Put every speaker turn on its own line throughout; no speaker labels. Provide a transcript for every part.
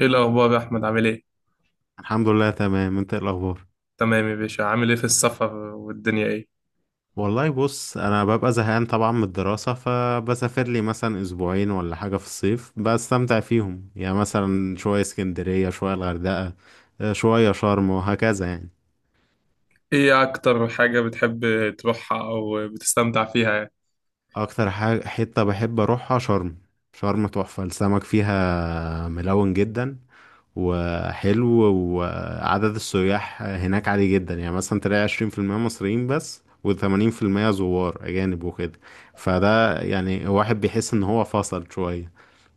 ايه الاخبار يا احمد عامل ايه؟
الحمد لله، تمام. انت ايه الاخبار؟
تمام يا باشا، عامل ايه في السفر والدنيا ايه؟
والله بص، انا ببقى زهقان طبعا من الدراسة، فبسافر لي مثلا اسبوعين ولا حاجة في الصيف بستمتع فيهم، يعني مثلا شوية اسكندرية، شوية الغردقة، شوية شرم وهكذا يعني.
ايه اكتر حاجه بتحب تروحها او بتستمتع فيها يعني؟
اكتر حاجة حتة بحب اروحها شرم. شرم تحفة، السمك فيها ملون جدا وحلو. وعدد السياح هناك عالي جدا، يعني مثلا تلاقي 20% مصريين بس، وثمانين في المية زوار أجانب وكده. فده يعني واحد بيحس إن هو فصل شوية،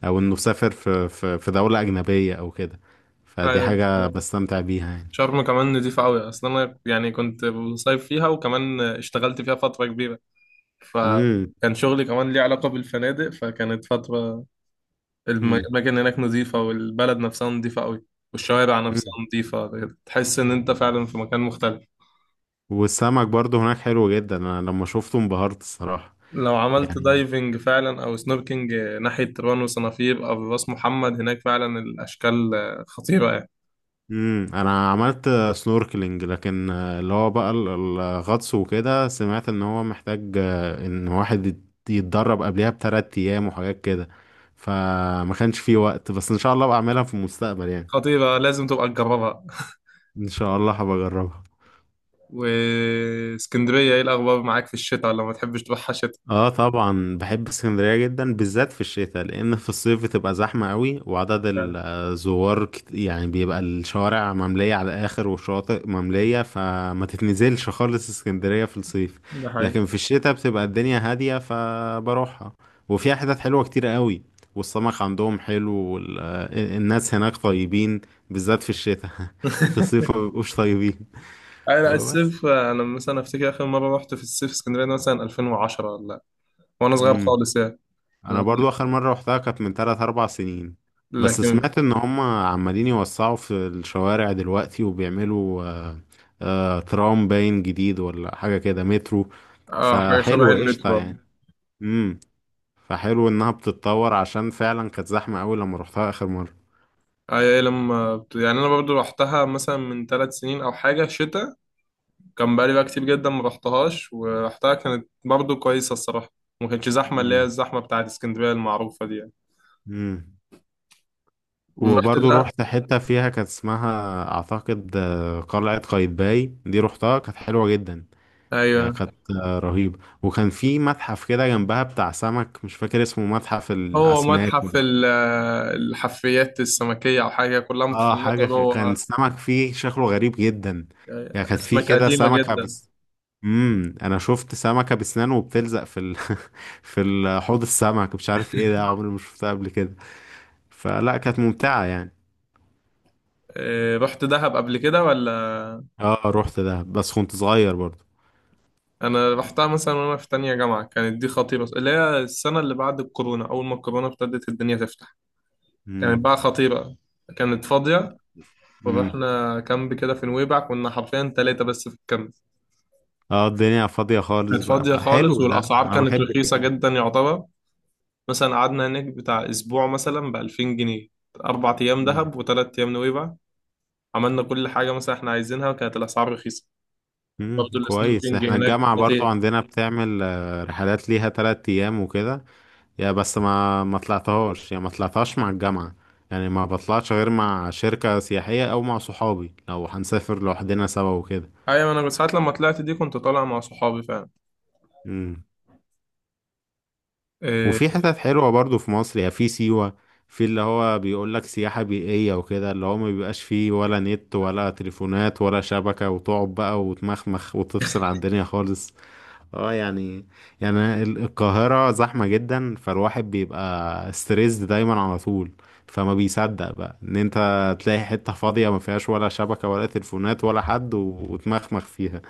أو إنه سافر في دولة أجنبية أو كده. فدي
آه،
حاجة بستمتع بيها يعني.
شرم كمان نضيفه قوي، اصلا انا يعني كنت بصيف فيها وكمان اشتغلت فيها فتره كبيره،
مم.
فكان شغلي كمان ليه علاقه بالفنادق، فكانت فتره
مم.
الاماكن هناك نظيفه، والبلد نفسها نظيفه قوي، والشوارع نفسها
مم.
نظيفه. تحس ان انت فعلا في مكان مختلف.
والسمك برضه هناك حلو جدا، أنا لما شفته انبهرت الصراحة،
لو عملت
يعني.
دايفنج فعلا او سنوركينج ناحية راس وصنافير او راس محمد، هناك فعلا الاشكال خطيرة يعني.
انا عملت سنوركلينج، لكن اللي هو بقى الغطس، وكده سمعت ان هو محتاج ان واحد يتدرب قبلها بـ3 ايام وحاجات كده. فما كانش فيه وقت، بس ان شاء الله بعملها في المستقبل يعني.
خطيرة، لازم تبقى تجربها.
ان شاء الله هبجربها.
واسكندرية ايه الاخبار معاك في الشتاء، ولا ما تحبش تروحها شتاء؟
اه طبعا بحب اسكندرية جدا، بالذات في الشتاء، لان في الصيف بتبقى زحمة قوي وعدد الزوار يعني بيبقى الشوارع مملية على الاخر، والشواطئ مملية، فما تتنزلش خالص اسكندرية في الصيف.
ده حقيقي.
لكن في الشتاء بتبقى الدنيا هادية، فبروحها. وفيها حتت حلوة كتير قوي، والسمك عندهم حلو، والناس هناك طيبين، بالذات في الشتاء. في الصيف ما بيبقوش طيبين.
انا
وبس.
الصيف، انا مثلا افتكر اخر مرة رحت في الصيف اسكندرية ده مثلا 2010 ولا، وانا صغير خالص يعني.
انا
لكن
برضو اخر مرة روحتها كانت من 3 4 سنين. بس
لكن
سمعت ان هم عمالين يوسعوا في الشوارع دلوقتي، وبيعملوا ترام باين جديد ولا حاجة كده، مترو.
اه، حاجة شبه
فحلو، قشطة
المترو.
يعني. امم فحلو انها بتتطور، عشان فعلا كانت زحمة قوي لما روحتها اخر مرة.
اي لما يعني انا برضو رحتها مثلا من 3 سنين او حاجة شتاء، كان بقالي بقى كتير جدا ما رحتهاش، ورحتها كانت برضو كويسة الصراحة. ما كانتش زحمة اللي هي
امم.
الزحمة بتاعت اسكندرية المعروفة دي يعني.
امم.
ورحت
وبرضو
ده؟
روحت حتة فيها كانت اسمها، اعتقد قلعة قايتباي، دي روحتها كانت حلوة جدا. يا
أيوه،
كانت رهيبة. وكان في متحف كده جنبها بتاع سمك، مش فاكر اسمه، متحف
هو
الأسماك
متحف
ولا.
الحفريات السمكية أو حاجة، كلها
اه حاجة
متحنطة
كان
جوه.
سمك فيه شكله غريب جدا. يا كانت في
أسماك
كده
قديمة
سمكة
جدا.
بس. انا شفت سمكة بسنان وبتلزق حوض السمك، مش عارف ايه ده، عمري ما شفتها قبل كده. فلا كانت ممتعة يعني.
إيه، رحت دهب قبل كده ولا؟
اه رحت ده، بس كنت صغير برضو.
أنا رحتها مثلا وأنا في تانية جامعة، كانت دي خطيرة، اللي هي السنة اللي بعد الكورونا أول ما الكورونا ابتدت الدنيا تفتح. كانت
امم.
بقى خطيرة، كانت فاضية.
امم.
ورحنا كامب كده في نويبع، كنا حرفيا ثلاثة بس في الكامب.
اه الدنيا فاضية خالص
كانت
بقى،
فاضية خالص
فحلو ده،
والأسعار
انا
كانت
بحب
رخيصة
كده.
جدا يعتبر. مثلا قعدنا هناك بتاع أسبوع مثلا بـ2000 جنيه. 4 أيام
مم.
دهب وثلاث أيام نويبع. عملنا كل حاجة مثلا إحنا عايزينها، وكانت الأسعار رخيصة. برضه
كويس،
السنوركينج
احنا
هناك
الجامعة برضو
خطير.
عندنا بتعمل رحلات ليها 3 ايام وكده. يا بس ما طلعتهاش، يعني ما طلعتهاش مع الجامعة. يعني ما بطلعش غير مع شركة سياحية، او مع صحابي لو هنسافر لوحدنا سوا وكده.
أيوة أنا ساعات لما طلعت دي كنت طالع مع صحابي فعلا.
امم
آه،
وفي حتت حلوة برضو في مصر، يعني في سيوة. في اللي هو بيقول لك سياحة بيئية وكده، اللي هو ما بيبقاش فيه ولا نت ولا تليفونات ولا شبكة، وتقعد بقى وتمخمخ وتفصل عن الدنيا خالص. اه يعني القاهرة زحمة جدا، فالواحد بيبقى ستريسد دايما على طول. فما بيصدق بقى ان انت تلاقي حتة فاضية ما فيهاش ولا شبكة ولا تليفونات ولا حد، و- وتمخمخ فيها.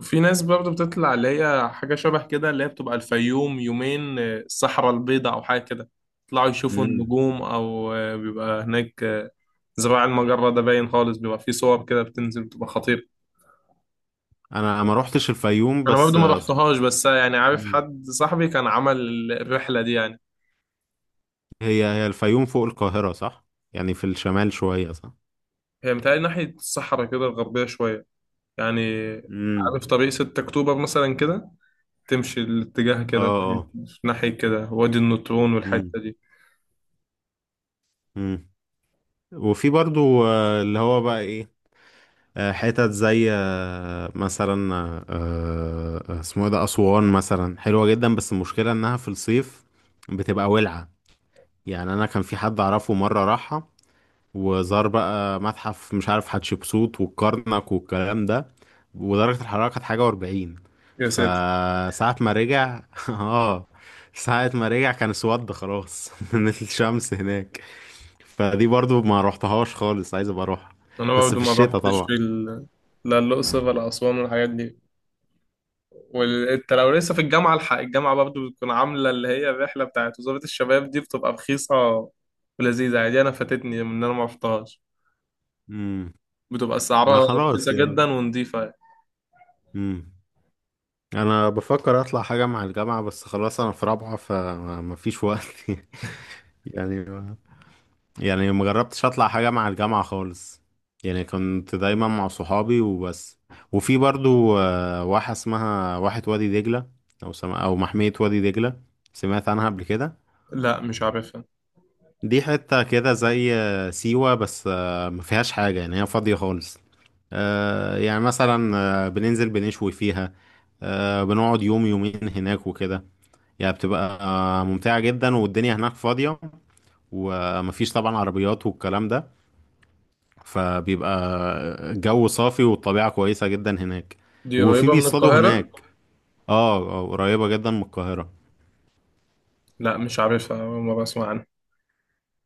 في ناس برضه بتطلع اللي هي حاجة شبه كده، اللي هي بتبقى الفيوم يومين، الصحراء البيضاء أو حاجة كده، يطلعوا يشوفوا
مم.
النجوم، أو بيبقى هناك زراع المجرة ده باين خالص، بيبقى فيه صور كده بتنزل بتبقى خطيرة.
انا ما روحتش الفيوم،
أنا
بس
برضه ما رحتهاش بس يعني عارف
مم.
حد صاحبي كان عمل الرحلة دي يعني.
هي هي الفيوم فوق القاهرة، صح؟ يعني في الشمال شوية، صح؟
هي متهيألي ناحية الصحراء كده الغربية شوية يعني.
امم.
عارف طريق 6 أكتوبر مثلا كده، تمشي الاتجاه
اه.
كده ناحية
اه.
كده، وادي النطرون
امم.
والحتة دي.
امم. وفي برضو اللي هو بقى ايه، حتت زي مثلا اسمه ايه ده، أسوان مثلا حلوة جدا، بس المشكلة انها في الصيف بتبقى ولعة. يعني انا كان في حد اعرفه مرة راحها، وزار بقى متحف، مش عارف حتشبسوت والكرنك والكلام ده، ودرجة الحرارة كانت حاجة و40.
يا ساتر.
فساعة ما رجع اه، ساعة ما رجع كان اسود خلاص من الشمس هناك. فدي برضو ما روحتهاش خالص، عايز ابقى اروحها،
انا
بس
برضه
في
ما
الشتاء
بحطش في
طبعا.
ال... لا الاقصر ولا اسوان والحاجات دي. وانت لو لسه في الجامعه، الحق الجامعه برضه بتكون عامله اللي هي الرحله بتاعت وزاره الشباب دي، بتبقى رخيصه ولذيذه عادي. انا فاتتني من إن انا ما رحتهاش.
مم.
بتبقى
ما
سعرها
خلاص
رخيصه
يا.
جدا ونضيفه يعني.
امم انا بفكر اطلع حاجه مع الجامعه، بس خلاص انا في رابعه فما فيش وقت. يعني يعني ما جربتش اطلع حاجه مع الجامعه خالص، يعني كنت دايما مع صحابي وبس. وفي برضو واحه اسمها واحه وادي دجله، او محميه وادي دجله، سمعت عنها قبل كده.
لا مش عارفها.
دي حتة كده زي سيوة، بس ما فيهاش حاجة، يعني هي فاضية خالص. يعني مثلا بننزل بنشوي فيها، بنقعد يوم يومين هناك وكده. يعني بتبقى ممتعة جدا، والدنيا هناك فاضية، ومفيش طبعا عربيات والكلام ده. فبيبقى الجو صافي، والطبيعة كويسة جدا هناك.
دي
وفي
قريبه من
بيصطادوا
القاهره؟
هناك. اه، قريبة جدا من القاهرة.
لا مش عارفها، أول مره اسمع عنها.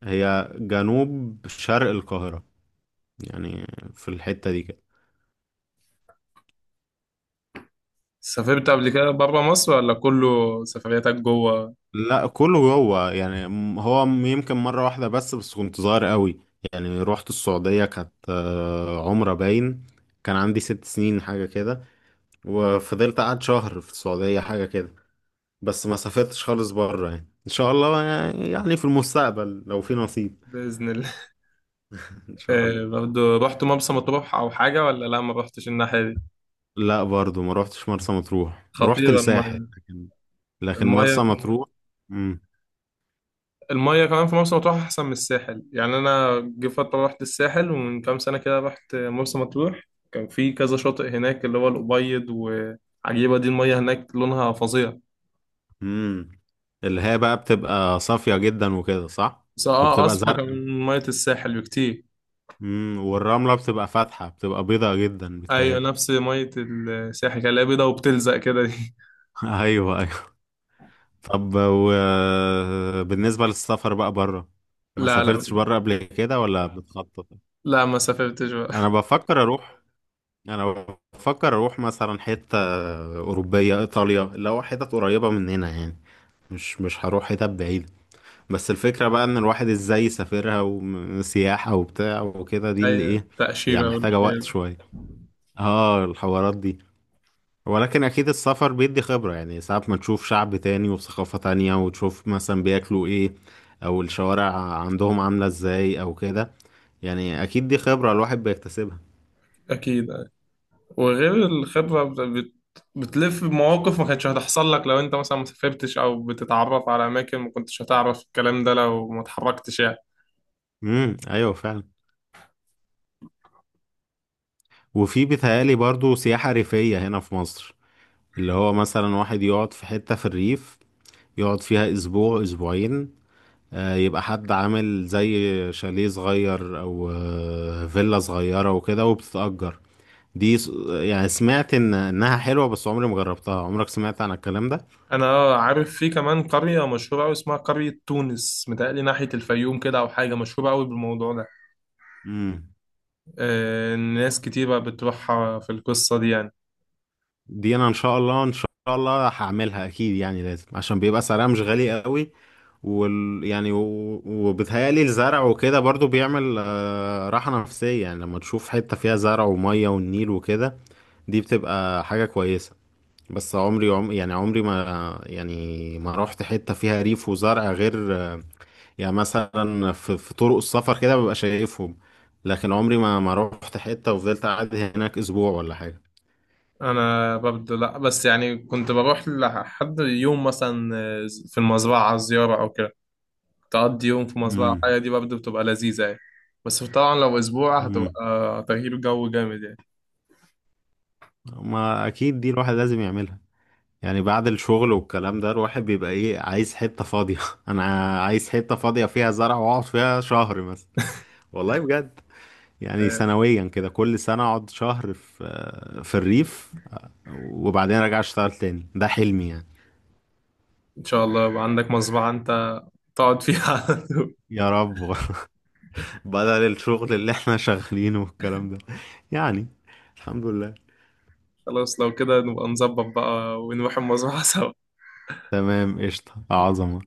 هي جنوب شرق القاهرة، يعني في الحتة دي كده.
سافرت قبل كده بره مصر ولا كله سفرياتك جوه؟
لا كله جوه، يعني هو يمكن مرة واحدة بس كنت صغير قوي. يعني رحت السعودية، كانت عمرة باين. كان عندي 6 سنين حاجة كده، وفضلت قعد شهر في السعودية حاجة كده. بس ما سافرتش خالص بره، يعني ان شاء الله يعني في المستقبل لو في نصيب.
باذن الله.
ان شاء الله.
برضه رحت مرسى مطروح او حاجه ولا لا، ما رحتش الناحيه دي؟
لا برضو، ما روحتش مرسى مطروح، رحت
خطيره
الساحل.
الميه.
لكن مرسى
المية
مطروح. امم.
المية كمان في مرسى مطروح أحسن من الساحل يعني. أنا جه فترة رحت الساحل، ومن كام سنة كده رحت مرسى مطروح. كان في كذا شاطئ هناك اللي هو الأبيض وعجيبة دي، المية هناك لونها فظيع.
امم. اللي هي بقى بتبقى صافية جدا وكده، صح؟
بس اه،
وبتبقى
أصفى كان
زرقاء.
من مية الساحل بكتير.
امم. والرملة بتبقى فاتحة، بتبقى بيضة جدا
أيوة
بتهيألي.
نفس مية الساحل كان لا، بيضة وبتلزق كده دي.
ايوه، ايوه. طب وبالنسبة للسفر بقى بره، ما
لا
سافرتش
لا،
بره قبل كده ولا بتخطط؟
لا ما سافرتش بقى.
انا بفكر اروح انا بفكر اروح مثلا حتة اوروبية، ايطاليا، اللي هو حتت قريبة مننا يعني، مش هروح حتت بعيدة. بس الفكرة بقى ان الواحد ازاي يسافرها، وسياحة وبتاع وكده، دي اللي
أي
ايه؟ يعني
تأشيرة
محتاجة
والحاجات
وقت
دي.
شوية. اه الحوارات دي. ولكن أكيد السفر بيدي خبرة، يعني ساعات ما تشوف شعب تاني وثقافة تانية، وتشوف مثلا بياكلوا إيه، أو الشوارع عندهم عاملة إزاي أو كده. يعني أكيد دي خبرة الواحد بيكتسبها.
أكيد. وغير الخبرة بت... بت- بتلف بمواقف ما كانتش هتحصل لك لو انت مثلا ما سافرتش، او بتتعرف على اماكن ما كنتش هتعرف الكلام ده لو ما اتحركتش يعني.
امم، أيوة فعلا. وفي بيتهيألي برضو سياحة ريفية هنا في مصر، اللي هو مثلا واحد يقعد في حتة في الريف، يقعد فيها أسبوع أسبوعين، يبقى حد عامل زي شاليه صغير، أو فيلا صغيرة وكده، وبتتأجر. دي يعني سمعت ان انها حلوة، بس عمري ما جربتها. عمرك سمعت عن الكلام ده؟
انا عارف في كمان قرية مشهورة قوي اسمها قرية تونس، متهيألي ناحية الفيوم كده او حاجة، مشهورة قوي بالموضوع ده.
امم
ناس كتيرة بتروحها في القصة دي يعني.
دي انا ان شاء الله، ان شاء الله هعملها اكيد، يعني لازم، عشان بيبقى سعرها مش غالي قوي. وال يعني و... وبتهيألي الزرع وكده برضو بيعمل راحة نفسية، يعني لما تشوف حتة فيها زرع ومية والنيل وكده، دي بتبقى حاجة كويسة. بس عمري يعني عمري ما يعني ما رحت حتة فيها ريف وزرع، غير يعني مثلا في طرق السفر كده ببقى شايفهم. لكن عمري ما رحت حتة وفضلت قاعد هناك اسبوع ولا حاجة.
انا ببدو لا، بس يعني كنت بروح لحد يوم مثلا في المزرعة زيارة او كده، تقضي يوم في مزرعة حية،
امم.
دي برضه بتبقى لذيذة يعني. بس طبعا لو أسبوع
امم.
هتبقى تغيير جو جامد يعني.
ما اكيد دي الواحد لازم يعملها. يعني بعد الشغل والكلام ده، الواحد بيبقى ايه، عايز حتة فاضية. انا عايز حتة فاضية فيها زرع، واقعد فيها شهر مثلا. والله بجد. يعني
آه،
سنويا كده، كل سنة اقعد شهر في الريف، وبعدين ارجع اشتغل تاني، ده حلمي يعني.
إن شاء الله يبقى عندك مزرعة أنت تقعد فيها على طول.
يا رب. بدل الشغل اللي احنا شغالينه والكلام ده يعني. الحمد لله،
خلاص لو كده نبقى نظبط بقى ونروح المزرعة سوا.
تمام، قشطة، عظمة.